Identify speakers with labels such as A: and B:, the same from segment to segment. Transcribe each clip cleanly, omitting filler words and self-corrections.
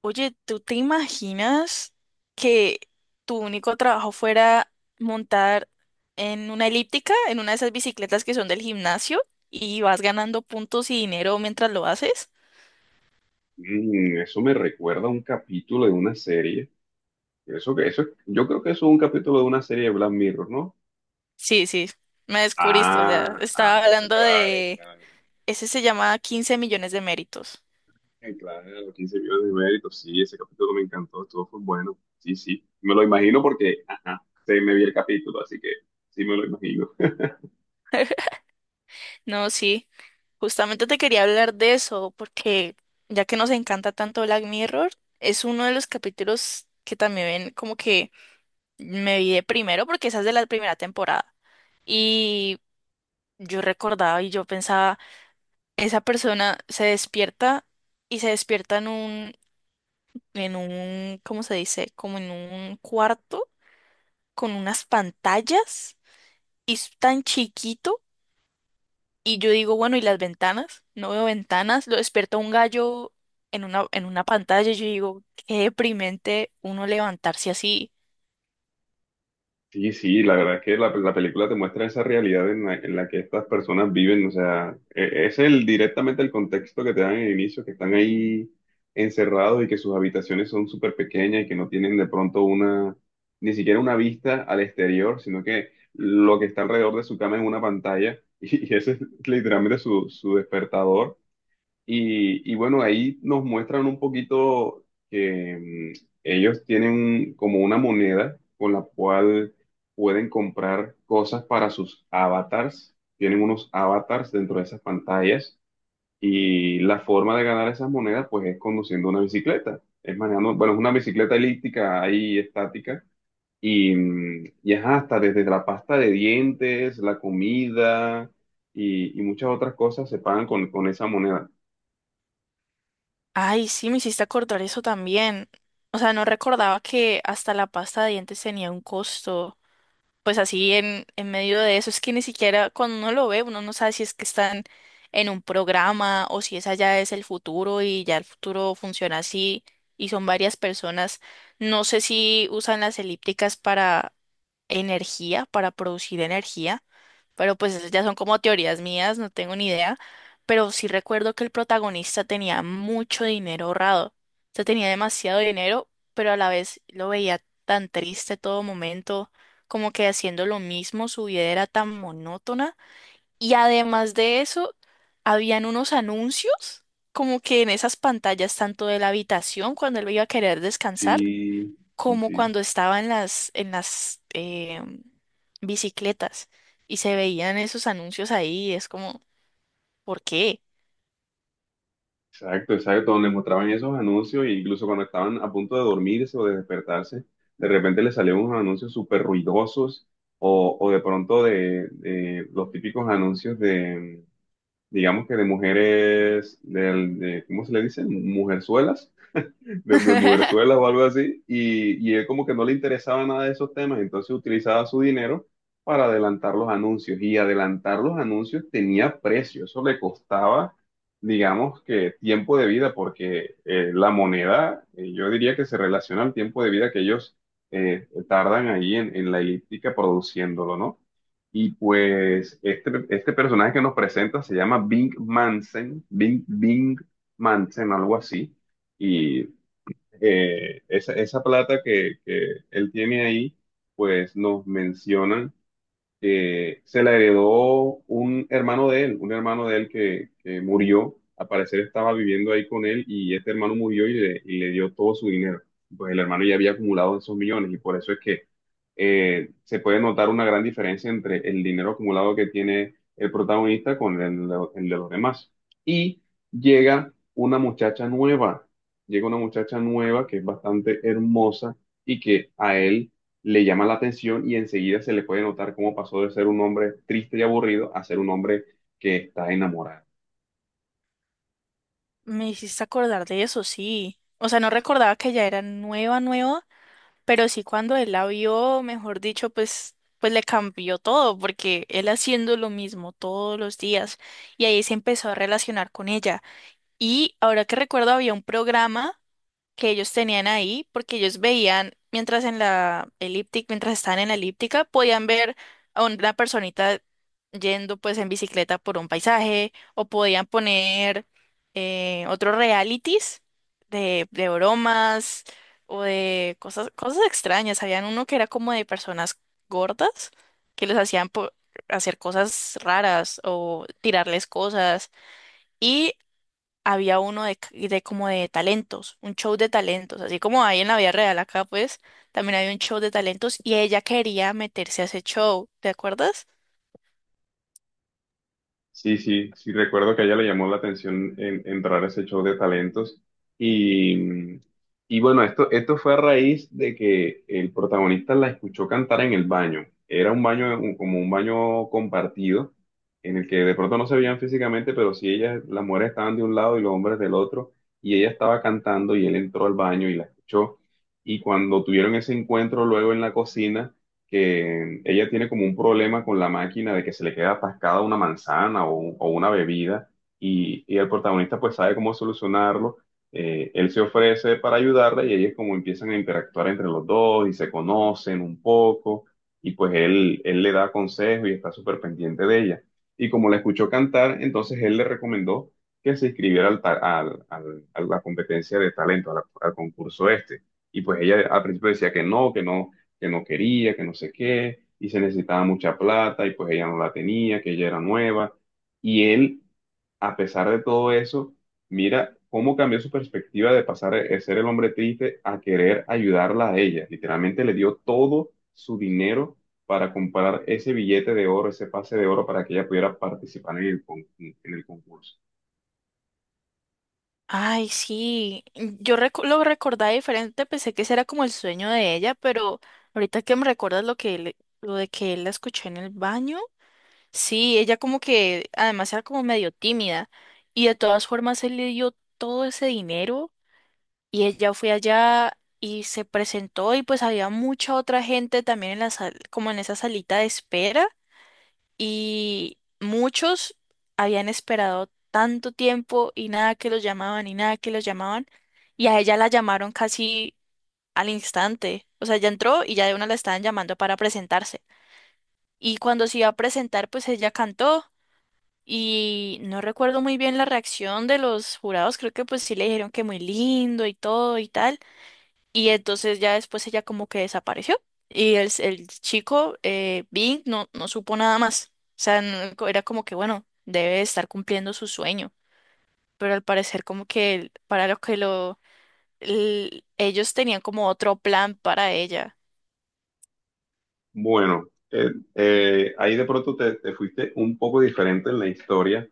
A: Oye, ¿tú te imaginas que tu único trabajo fuera montar en una elíptica, en una de esas bicicletas que son del gimnasio, y vas ganando puntos y dinero mientras lo haces?
B: Eso me recuerda a un capítulo de una serie. Yo creo que eso es un capítulo de una serie de Black Mirror, ¿no?
A: Sí, sí, me descubriste, o sea,
B: Ah, ah,
A: estaba hablando
B: claro,
A: de...
B: claro.
A: Ese se llama 15 millones de méritos.
B: Claro, 15 millones de méritos. Sí, ese capítulo me encantó, estuvo fue bueno. Sí, sí. Me lo imagino porque, ajá, se me vi el capítulo, así que sí me lo imagino.
A: No, sí, justamente te quería hablar de eso, porque ya que nos encanta tanto Black Mirror, es uno de los capítulos que también ven como que me vi de primero porque esa es de la primera temporada. Y yo recordaba y yo pensaba, esa persona se despierta y se despierta en un, ¿cómo se dice? Como en un cuarto con unas pantallas y es tan chiquito. Y yo digo, bueno, ¿y las ventanas? No veo ventanas. Lo despierta un gallo en una pantalla. Yo digo, qué deprimente uno levantarse así.
B: Sí, sí, la verdad es que la película te muestra esa realidad en en la que estas personas viven, o sea, es el directamente el contexto que te dan en el inicio, que están ahí encerrados y que sus habitaciones son súper pequeñas y que no tienen de pronto ni siquiera una vista al exterior, sino que lo que está alrededor de su cama es una pantalla y ese es literalmente su despertador y bueno, ahí nos muestran un poquito que ellos tienen como una moneda con la cual pueden comprar cosas para sus avatars. Tienen unos avatars dentro de esas pantallas y la forma de ganar esas monedas pues es conduciendo una bicicleta. Es manejando, bueno, es una bicicleta elíptica ahí estática y, y ajá, hasta desde la pasta de dientes, la comida y muchas otras cosas se pagan con esa moneda.
A: Ay, sí, me hiciste acordar eso también. O sea, no recordaba que hasta la pasta de dientes tenía un costo. Pues así en medio de eso, es que ni siquiera cuando uno lo ve, uno no sabe si es que están en un programa o si esa ya es el futuro y ya el futuro funciona así y son varias personas. No sé si usan las elípticas para energía, para producir energía, pero pues esas ya son como teorías mías, no tengo ni idea, pero sí recuerdo que el protagonista tenía mucho dinero ahorrado, o sea, tenía demasiado dinero, pero a la vez lo veía tan triste todo momento, como que haciendo lo mismo, su vida era tan monótona, y además de eso, habían unos anuncios, como que en esas pantallas, tanto de la habitación, cuando él iba a querer descansar,
B: Sí, sí,
A: como
B: sí.
A: cuando estaba en bicicletas y se veían esos anuncios ahí, es como, ¿por qué?
B: Exacto, exacto. Donde mostraban esos anuncios, e incluso cuando estaban a punto de dormirse o de despertarse, de repente les salían unos anuncios súper ruidosos, o de pronto de los típicos anuncios de, digamos que de mujeres, de, ¿cómo se le dice? Mujerzuelas de mujerzuelas o algo así, y él como que no le interesaba nada de esos temas, entonces utilizaba su dinero para adelantar los anuncios, y adelantar los anuncios tenía precio, eso le costaba, digamos que tiempo de vida, porque la moneda, yo diría que se relaciona al tiempo de vida que ellos tardan ahí en la elíptica produciéndolo, ¿no? Y pues este personaje que nos presenta se llama Bing Mansen, Bing Mansen, algo así. Y esa, esa plata que él tiene ahí, pues nos mencionan se la heredó un hermano de él, un hermano de él que murió, al parecer estaba viviendo ahí con él y este hermano murió y le dio todo su dinero. Pues el hermano ya había acumulado esos millones y por eso es que se puede notar una gran diferencia entre el dinero acumulado que tiene el protagonista con el, el de los demás. Y llega una muchacha nueva, llega una muchacha nueva que es bastante hermosa y que a él le llama la atención y enseguida se le puede notar cómo pasó de ser un hombre triste y aburrido a ser un hombre que está enamorado.
A: Me hiciste acordar de eso, sí. O sea, no recordaba que ya era nueva, nueva, pero sí cuando él la vio, mejor dicho, pues, pues le cambió todo, porque él haciendo lo mismo todos los días y ahí se empezó a relacionar con ella. Y ahora que recuerdo, había un programa que ellos tenían ahí, porque ellos veían, mientras en la elíptica, mientras estaban en la elíptica, podían ver a una personita yendo pues en bicicleta por un paisaje, o podían poner otros realities de bromas o de cosas, cosas extrañas. Habían uno que era como de personas gordas que les hacían hacer cosas raras o tirarles cosas. Y había uno de, c- de como de talentos, un show de talentos, así como hay en la vida real acá, pues también había un show de talentos y ella quería meterse a ese show, ¿te acuerdas?
B: Sí, sí, sí, recuerdo que a ella le llamó la atención entrar a ese show de talentos. Y, y bueno, esto fue a raíz de que el protagonista la escuchó cantar en el baño. Era un baño, como un baño compartido, en el que de pronto no se veían físicamente, pero sí ellas, las mujeres estaban de un lado y los hombres del otro. Y ella estaba cantando y él entró al baño y la escuchó. Y cuando tuvieron ese encuentro luego en la cocina, que ella tiene como un problema con la máquina de que se le queda atascada una manzana o, o una bebida y el protagonista pues sabe cómo solucionarlo. Él se ofrece para ayudarla y ellos como empiezan a interactuar entre los dos y se conocen un poco y pues él le da consejos y está súper pendiente de ella. Y como la escuchó cantar, entonces él le recomendó que se inscribiera al, ta- al- al- a la competencia de talento, al concurso este. Y pues ella al principio decía que no, que no quería, que no sé qué, y se necesitaba mucha plata y pues ella no la tenía, que ella era nueva. Y él, a pesar de todo eso, mira cómo cambió su perspectiva de pasar de ser el hombre triste a querer ayudarla a ella. Literalmente le dio todo su dinero para comprar ese billete de oro, ese pase de oro para que ella pudiera participar en el, en el concurso.
A: Ay, sí, yo recu- lo recordaba diferente, pensé que ese era como el sueño de ella, pero ahorita que me recuerdas lo que él- lo de que él la escuché en el baño, sí, ella como que además era como medio tímida y de todas formas él le dio todo ese dinero. Y ella fue allá y se presentó y pues había mucha otra gente también en la sal, como en esa salita de espera y muchos habían esperado tanto tiempo y nada que los llamaban y nada que los llamaban y a ella la llamaron casi al instante. O sea, ella entró y ya de una la estaban llamando para presentarse. Y cuando se iba a presentar, pues ella cantó y no recuerdo muy bien la reacción de los jurados, creo que pues sí le dijeron que muy lindo y todo y tal. Y entonces ya después ella como que desapareció y el chico, Bing, no, no supo nada más. O sea, no- co- era como que, bueno, debe estar cumpliendo su sueño, pero al parecer como que el- para lo que lo... el- ellos tenían como otro plan para ella.
B: Bueno, eh, ahí de pronto te, te fuiste un poco diferente en la historia.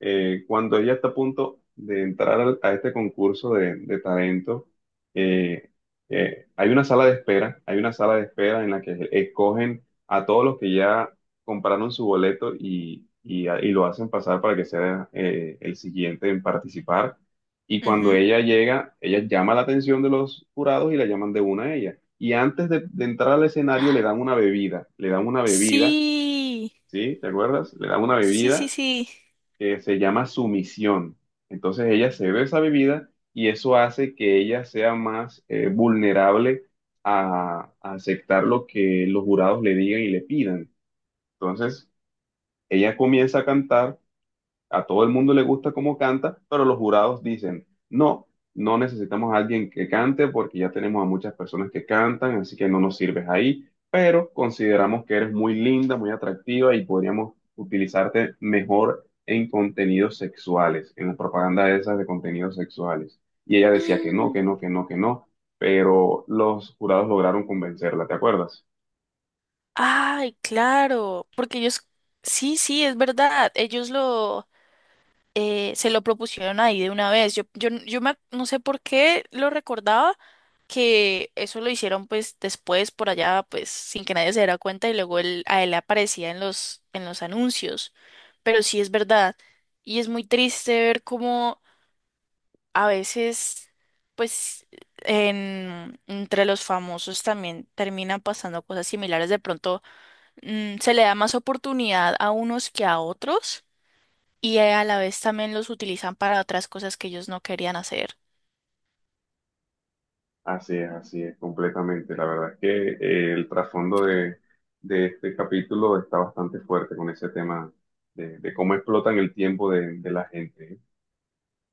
B: Cuando ella está a punto de entrar a este concurso de talento, eh, hay una sala de espera, hay una sala de espera en la que escogen a todos los que ya compraron su boleto y, y lo hacen pasar para que sea el siguiente en participar. Y cuando
A: Ujú.
B: ella llega, ella llama la atención de los jurados y la llaman de una a ella y antes de entrar al escenario le dan una bebida, le dan una bebida,
A: Sí,
B: ¿sí? ¿Te acuerdas? Le dan una
A: sí, sí,
B: bebida
A: sí.
B: que se llama sumisión. Entonces ella se bebe esa bebida y eso hace que ella sea más vulnerable a aceptar lo que los jurados le digan y le pidan. Entonces ella comienza a cantar a todo el mundo le gusta cómo canta, pero los jurados dicen, no, no necesitamos a alguien que cante porque ya tenemos a muchas personas que cantan, así que no nos sirves ahí, pero consideramos que eres muy linda, muy atractiva y podríamos utilizarte mejor en contenidos sexuales, en la propaganda esas de contenidos sexuales. Y ella decía que no,
A: Mm.
B: que no, que no, que no, pero los jurados lograron convencerla, ¿te acuerdas?
A: Ay, claro, porque ellos... Sí, sí, es verdad. Ellos lo... se lo propusieron ahí de una vez. Yo me ac- no sé por qué lo recordaba que eso lo hicieron pues después por allá pues sin que nadie se diera cuenta y luego él, a él aparecía en los anuncios. Pero sí es verdad y es muy triste ver cómo a veces pues entre los famosos también terminan pasando cosas similares. De pronto se le da más oportunidad a unos que a otros y a la vez también los utilizan para otras cosas que ellos no querían hacer.
B: Así es, completamente. La verdad es que el trasfondo de este capítulo está bastante fuerte con ese tema de cómo explotan el tiempo de la gente.